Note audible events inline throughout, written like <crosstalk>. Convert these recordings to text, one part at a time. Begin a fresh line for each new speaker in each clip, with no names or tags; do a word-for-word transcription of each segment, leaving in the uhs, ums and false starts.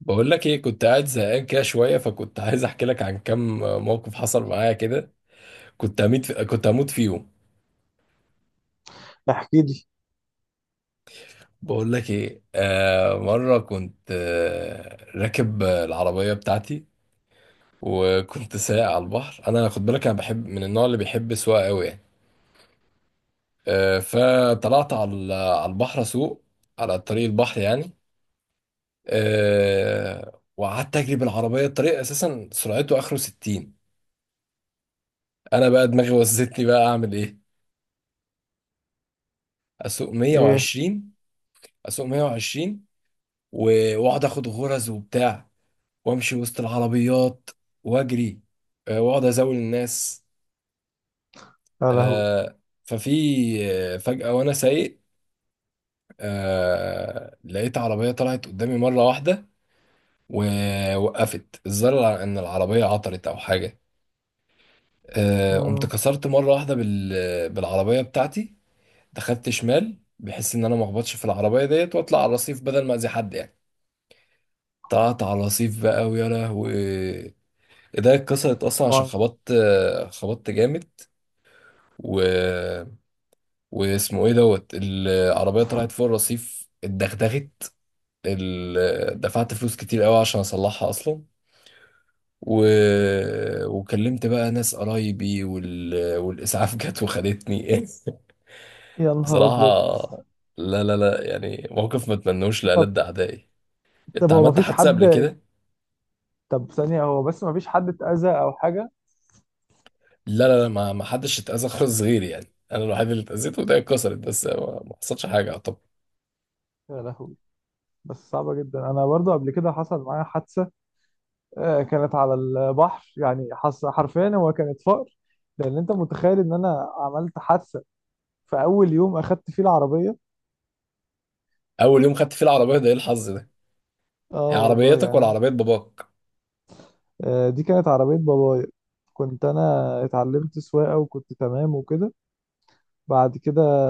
بقول لك ايه، كنت قاعد زهقان كده شويه، فكنت عايز احكي لك عن كام موقف حصل معايا كده. كنت هموت في... كنت هموت فيهم.
احكي لي.
بقول لك ايه، آه مره كنت آه راكب العربيه بتاعتي وكنت سايق على البحر. انا خد بالك انا بحب من النوع اللي بيحب السواقه قوي يعني. آه فطلعت على على البحر اسوق، على طريق البحر يعني. آه وقعدت اجري بالعربيه. الطريق اساسا سرعته اخره ستين، انا بقى دماغي وزتني بقى اعمل ايه؟ اسوق
ايه؟
مية وعشرين. اسوق مية وعشرين و- واقعد اخد غرز وبتاع، وامشي وسط العربيات واجري. آه، واقعد ازاول الناس.
يا لهوي.
آه، ففي آه، فجأة وانا سايق، آه، لقيت عربية طلعت قدامي مرة واحدة ووقفت، الظاهر الع- ان العربية عطلت او حاجة. آه، قمت
مم.
كسرت مرة واحدة بال- بالعربية بتاعتي، دخلت شمال بحيث ان انا ما اخبطش في العربية ديت واطلع على الرصيف بدل ما اذي حد يعني. طلعت على الرصيف بقى ويا لهوي، ايديا اتكسرت اصلا عشان
طبعا.
خبطت، خبطت جامد. و... واسمه ايه دوت، العربيه طلعت فوق الرصيف اتدغدغت، ال... دفعت فلوس كتير قوي عشان اصلحها اصلا. و... وكلمت بقى ناس قرايبي وال... والاسعاف جت وخدتني.
يا
<laughs>
نهار ابيض.
بصراحه لا لا لا، يعني موقف ما اتمنوش
طب.
لألد اعدائي.
طب
انت
هو
عملت
مفيش
حادثه قبل
حد.
كده؟
طب ثانية هو بس مفيش حد اتأذى او حاجة؟
لا لا لا، ما ما حدش اتأذى خالص غيري، يعني انا الوحيد اللي اتأذيت وايديا اتكسرت، بس ما ما حصلش حاجه.
يا لهوي. بس صعبة جدا، انا برضو قبل كده حصل معايا حادثة. آه، كانت على البحر، يعني حص- حرفيا هو كانت فقر. لان انت متخيل ان انا عملت حادثة في اول يوم اخدت فيه العربية.
اول يوم خدت فيه العربيه؟ ده ايه الحظ ده! هي
اه والله،
عربيتك ولا
يعني أنا-
عربيه باباك؟
آه، دي كانت عربية بابايا. كنت انا اتعلمت سواقة وكنت تمام وكده. بعد كده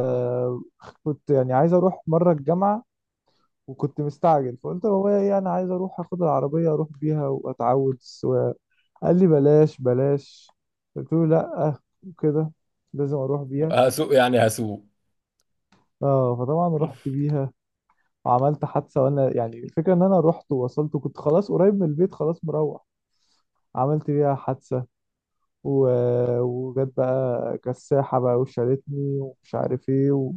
كنت يعني عايز اروح مره الجامعه، وكنت مستعجل فقلت لبابايا ايه انا عايز اروح اخد العربيه اروح بيها واتعود السواقه. قال لي بلاش بلاش. قلت له لا. وكده، لازم اروح بيها.
هسوق يعني هسوق.
اه فطبعا رحت بيها وعملت حادثه، وانا يعني الفكره ان انا رحت ووصلت وكنت خلاص قريب من البيت، خلاص مروح. عملت بيها حادثه و... وجت بقى كساحه بقى وشالتني ومش عارف ايه،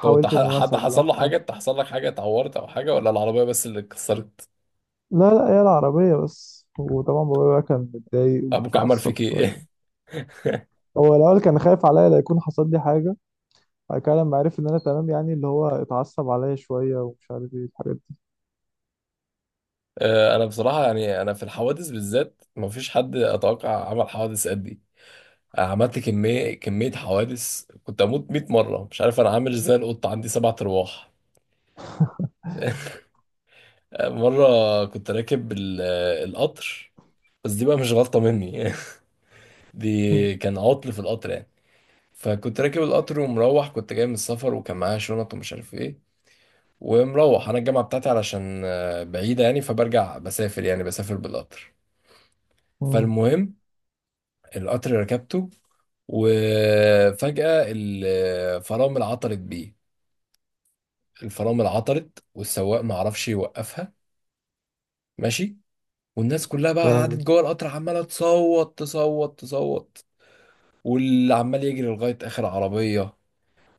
طب انت
ان
ح-
انا
حد حصل له
اصلحها.
حاجه؟ انت حصل لك حاجه، اتعورت او حاجه، ولا العربيه بس اللي اتكسرت؟
لا لا، هي العربية بس. وطبعا بابايا بقى كان متضايق
ابوك عمل
ومتعصب
فيك
شوية.
ايه؟ <laughs>
هو الأول كان خايف عليا لا يكون حصل لي حاجة. بعد كده لما عرف إن أنا تمام، يعني اللي هو اتعصب عليا شوية ومش عارف إيه الحاجات دي.
آه، انا بصراحه يعني انا في الحوادث بالذات مفيش حد اتوقع عمل حوادث قد دي. أنا عملت كميه كميه حوادث، كنت اموت ميت مره، مش عارف انا عامل ازاي، القطه عندي سبع ارواح. <laughs> مرة كنت راكب ال- القطر، بس دي بقى مش غلطة مني. <laughs> دي
<laughs>
كان عطل في القطر يعني. فكنت راكب القطر ومروح، كنت جاي من السفر وكان معايا شنط ومش عارف ايه. ومروح انا الجامعه بتاعتي علشان آه، بعيده يعني، فبرجع بسافر يعني بسافر بالقطر.
أمم.
فالمهم القطر ركبته، وفجاه الفرامل عطلت بيه. الفرامل عطلت والسواق ما عرفش يوقفها، ماشي. والناس كلها بقى قعدت
فاهمك.
جوه القطر عماله تصوت تصوت تصوت، واللي عمال يجري لغايه اخر عربيه.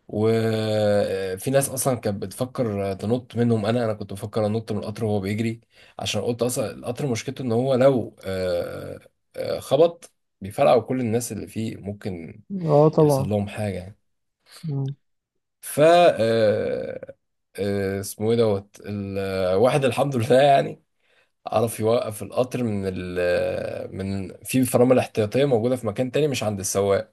وفي ناس اصلا كانت بتفكر تنط منهم، انا انا كنت بفكر انط من القطر وهو بيجري، عشان قلت اصلا القطر مشكلته ان هو لو آه، آه، خبط بيفرقع وكل الناس اللي فيه ممكن
اه
يحصل
طبعا.
لهم حاجه يعني.
أمم.
ف آه، آه، اسمه ايه دوت، الواحد الحمد لله يعني عرف يوقف القطر من ال من في فرامل احتياطية موجودة في مكان تاني مش عند السواق.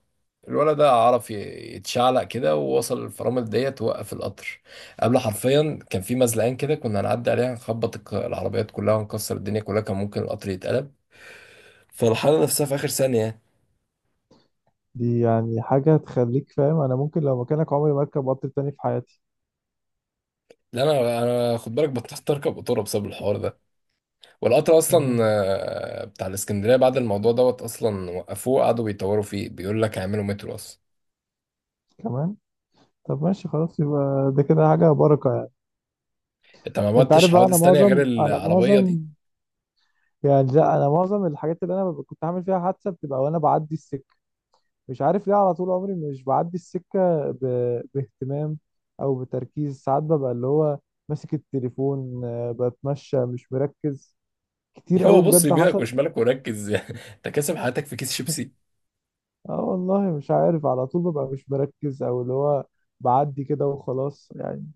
الولد ده عرف ي- يتشعلق كده ووصل الفرامل ديت ووقف القطر. قبل، حرفيا، كان في مزلقان كده كنا هنعدي عليها، نخبط الك- العربيات كلها ونكسر الدنيا كلها، كان ممكن القطر يتقلب. فالحالة نفسها في آخر ثانية.
دي يعني حاجة تخليك فاهم أنا ممكن لو مكانك عمري ما أركب قطر تاني في حياتي.
لا انا، انا خد بالك، بطلت اركب قطوره بسبب الحوار ده. والقطر اصلا
أمم.
آه، بتاع الاسكندريه بعد الموضوع دوت اصلا وقفوه، قعدوا بيطوروا فيه، بيقول لك هيعملوا مترو اصلا.
كمان. طب ماشي خلاص، يبقى ده كده حاجة بركة يعني.
انت ما
أنت
عملتش
عارف بقى، أنا
حوادث تانية غير
معظم أنا
العربية
معظم
دي؟
يعني، لا، أنا معظم الحاجات اللي أنا ببقى- كنت عامل فيها حادثة بتبقى وأنا بعدي السكة. مش عارف ليه على طول عمري مش بعدي السكة ب... باهتمام أو بتركيز. ساعات ببقى اللي هو ماسك التليفون، آه، بتمشى مش مركز. كتير
<laughs> هو
قوي
بص
بجد
يمينك
حصلت.
وشمالك وركز. <laughs> انت كاسب حياتك في كيس شيبسي.
اه والله مش عارف على طول ببقى مش مركز أو اللي هو بعدي كده وخلاص يعني.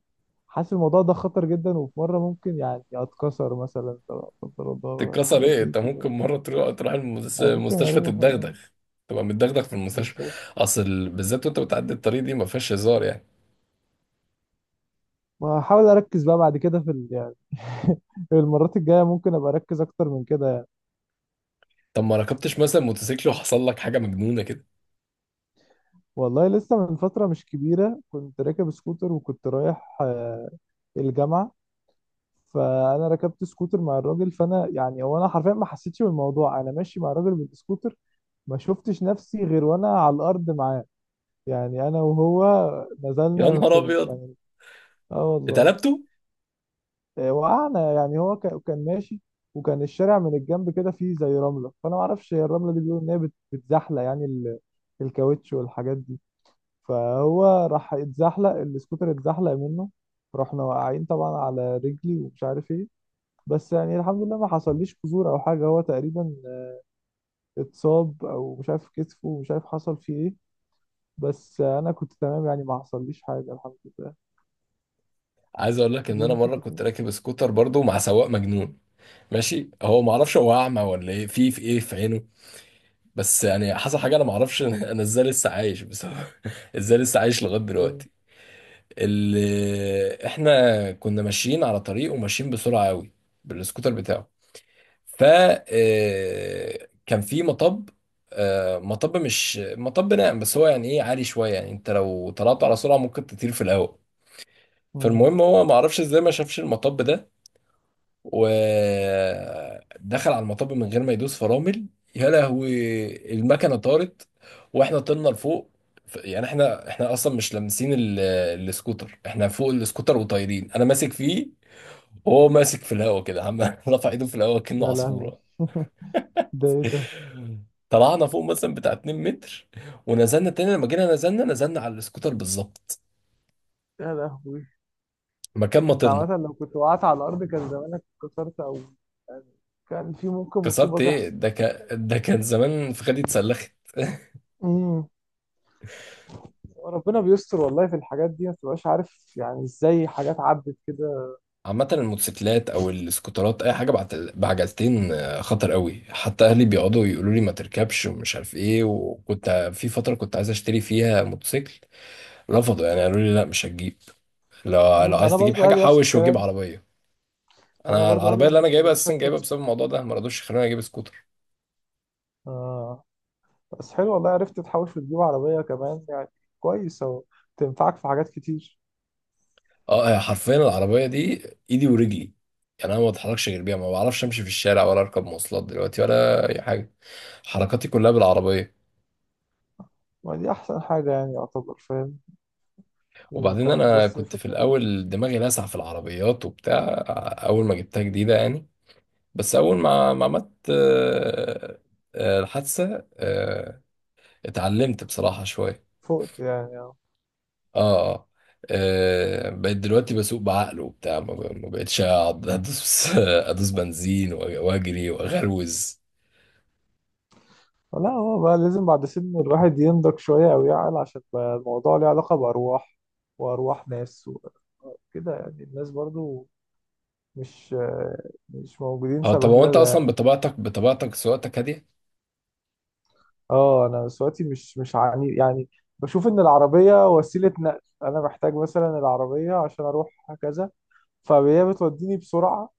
حاسس الموضوع ده خطر جدا، وفي مرة ممكن يعني أتكسر مثلا لا قدر الله
تتكسر
الحاجات
ايه؟
دي
انت
كده.
ممكن مرة تروح، تروح المس-
أو ممكن
المستشفى،
أروح آه،
تتدغدغ، تبقى متدغدغ في المستشفى.
بالظبط.
اصل ال- بالذات وانت بتعدي الطريق دي ما فيهاش هزار يعني.
وهحاول أركز بقى بعد كده في ال... يعني <laughs> المرات الجاية ممكن أبقى أركز أكتر من كده.
طب ما ركبتش مثلا موتوسيكل وحصل لك حاجة مجنونة كده؟
والله لسه من فترة مش كبيرة كنت راكب سكوتر، وكنت رايح آه، الجامعة. فأنا ركبت سكوتر مع الراجل، فأنا يعني هو أنا حرفيا ما حسيتش بالموضوع، أنا ماشي مع الراجل بالسكوتر. ما شفتش نفسي غير وأنا على الأرض معاه. يعني أنا وهو
يا
نزلنا في
نهار
ال...
ابيض!
كان. آه والله.
اتقلبتوا؟
آه، وقعنا، يعني هو كان كان ماشي، وكان الشارع من الجنب كده فيه زي رملة. فأنا ما أعرفش هي الرملة دي، بيقولوا إن هي بت- بتزحلق يعني ال- الكاوتش والحاجات دي. فهو راح اتزحلق السكوتر اتزحلق منه. رحنا واقعين طبعا على رجلي ومش عارف ايه. بس يعني الحمد لله ما حصليش كسور او حاجه. هو تقريبا اتصاب او مش عارف كتفه ومش عارف حصل فيه ايه. بس انا كنت تمام يعني، ما حصليش حاجه الحمد لله.
عايز اقول لك ان
دي
انا
ممكن
مرة كنت
تكون
راكب سكوتر برضو مع سواق مجنون. ماشي، هو ما اعرفش هو اعمى ولا ايه، في في ايه في عينه، بس يعني حصل حاجه انا ما اعرفش <laughs> انا ازاي لسه عايش بسبب <laughs> ازاي لسه عايش لغايه
ايه.
دلوقتي. اللي احنا كنا ماشيين على طريق وماشيين بسرعه قوي بالسكوتر بتاعه. ف آه، كان في مطب، آه، مطب مش مطب ناعم بس هو يعني ايه، عالي شويه يعني، انت لو طلعت على سرعه ممكن تطير في الهواء.
مم.
فالمهم هو ما اعرفش ازاي ما شافش المطب ده، ودخل على المطب من غير ما يدوس فرامل. يا لهوي، المكنه طارت واحنا طلنا لفوق. ف- يعني احنا احنا اصلا مش لامسين ال- السكوتر، احنا فوق السكوتر وطايرين، انا ماسك فيه وهو ماسك في الهواء كده، عم <laughs> رفع ايده في الهواء كأنه
يا لهوي.
عصفوره.
ده ايه ده.
طلعنا فوق مثلا بتاع اتنين متر، ونزلنا تاني، لما جينا نزلنا، نزلنا على السكوتر بالظبط
يا لهوي.
مكان ما
انت
طرنا.
مثلا لو كنت وقعت على الارض كان زمانك اتكسرت او يعني، كان في ممكن
كسرت
مصيبه
ايه،
تحصل.
ده كان، ده كان زمان فخدي اتسلخت.
مم. ربنا بيستر والله، في الحاجات دي ما تبقاش عارف يعني ازاي حاجات عدت كده.
عامة الموتوسيكلات أو السكوترات أي حاجة بعت- بعجلتين آه، خطر قوي. حتى أهلي بيقعدوا يقولوا لي ما تركبش ومش عارف إيه، وكنت في فترة كنت عايز أشتري فيها موتوسيكل، رفضوا يعني، قالوا لي لا مش هتجيب، لو لو
مم،
عايز
انا
تجيب
برضو
حاجة
اهلي نفس
حوش وجيب
الكلام.
عربية.
انا
أنا
برضو اهلي
العربية
ما
اللي أنا جايبها
بيخلونيش
أساسا
اركب
جايبها بسبب
سكوتر.
الموضوع ده، ما رضوش يخلوني أجيب سكوتر.
آه. بس حلو والله، عرفت تحوش وتجيب عربية كمان يعني. كويس اهو، تنفعك في حاجات كتير.
أه، هي حرفيا العربية دي إيدي ورجلي، يعني أنا ما بتحركش غير بيها، ما بعرفش أمشي في الشارع ولا أركب مواصلات دلوقتي ولا أي حاجة، حركاتي كلها بالعربية.
ما دي احسن حاجة، يعني يعتبر فاهم.
وبعدين
وكمان
انا
بس
كنت في
الفكرة بقى.
الاول دماغي لاسعه في العربيات وبتاع، اول ما جبتها جديده يعني، بس اول ما ما عملت آه، آه، الحادثه، آه، اتعلمت بصراحه شويه.
فقت يعني آه.
اه اه، آه، بقيت دلوقتي بسوق بعقل وبتاع، ما ب- ما بقتش اقعد ادوس <laughs> ادوس بنزين وأ- واجري واغروز.
لا هو بقى لازم بعد سن الواحد ينضج شوية او يعقل، عشان بقى الموضوع ليه علاقة بأرواح، وأرواح ناس وكده. يعني الناس برضو مش مش موجودين
اه. طب هو انت
سبهلله
اصلا
يعني.
بطبيعتك، بطبيعتك سواقتك هاديه.
اه انا صوتي مش مش عني يعني. بشوف ان العربيه وسيله نقل. انا محتاج مثلا العربيه عشان اروح كذا، فهي بتوديني بسرعه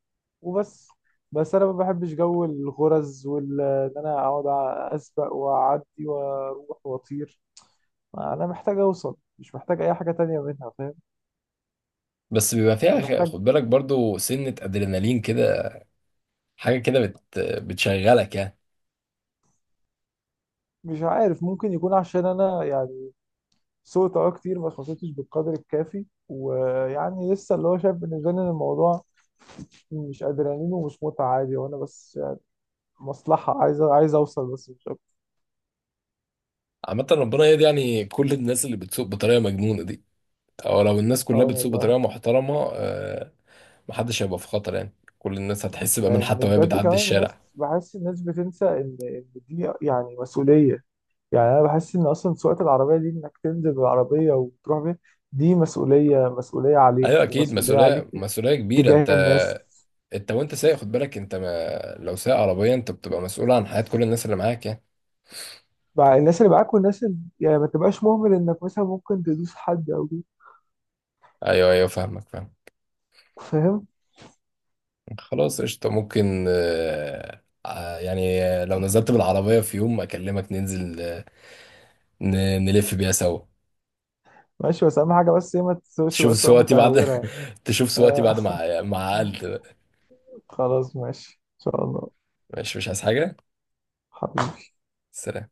وبس. بس انا ما بحبش جو الغرز وال ان انا اقعد اسبق واعدي واروح واطير. انا محتاج اوصل، مش محتاج اي حاجه تانية منها فاهم.
بس بيبقى فيها
انا
خ-
محتاج.
خد بالك برضو سنة ادرينالين كده، حاجة كده بت بتشغلك يعني.
مش عارف ممكن يكون عشان انا يعني سوقت اه كتير، بس ما سوقتش بالقدر الكافي، ويعني لسه اللي هو شايف بالنسبه لي ان الموضوع مش ادرينالين ومش متعه عادي. وانا بس يعني مصلحه، عايز عايز اوصل بس مش اكتر.
عامة ربنا يهدي يعني كل الناس اللي بتسوق بطريقة مجنونة دي، او لو الناس
اه
كلها بتسوق
والله.
بطريقة محترمة آه، محدش هيبقى في خطر يعني، كل الناس هتحس بأمان
لان
حتى وهي
بجد
بتعدي
كمان الناس،
الشارع.
بحس الناس بتنسى ان ان دي يعني مسؤوليه. يعني انا بحس ان اصلا سواقه العربيه دي، انك تنزل بالعربيه وتروح بيها، دي مسؤوليه، مسؤوليه عليك
ايوه اكيد
ومسؤوليه عليك
مسؤولية، مسؤولية كبيرة. انت،
تجاه الناس.
انت وانت سايق خد بالك، انت ما لو سايق عربية انت بتبقى مسؤول عن حياة كل الناس اللي معاك يعني.
بقى الناس اللي معاك والناس اللي يعني ما تبقاش مهمل انك مثلا ممكن تدوس حد او كده.
ايوه ايوه، فاهمك، فاهم.
فاهم.
خلاص، قشطة، ممكن آه، آه، يعني آه، لو نزلت بالعربية في يوم اكلمك ننزل، آه، ن- نلف بيها سوا.
ماشي، بس اهم حاجه بس ايه ما تسوقش
تشوف
بقى سواقه
سواتي بعد
متهوره.
<laughs> تشوف سواتي
آه
بعد
<laughs>
ما مع... عقلت بقى.
خلاص ماشي ان شاء الله.
ماشي، مش عايز حاجة.
حبيبي.
سلام.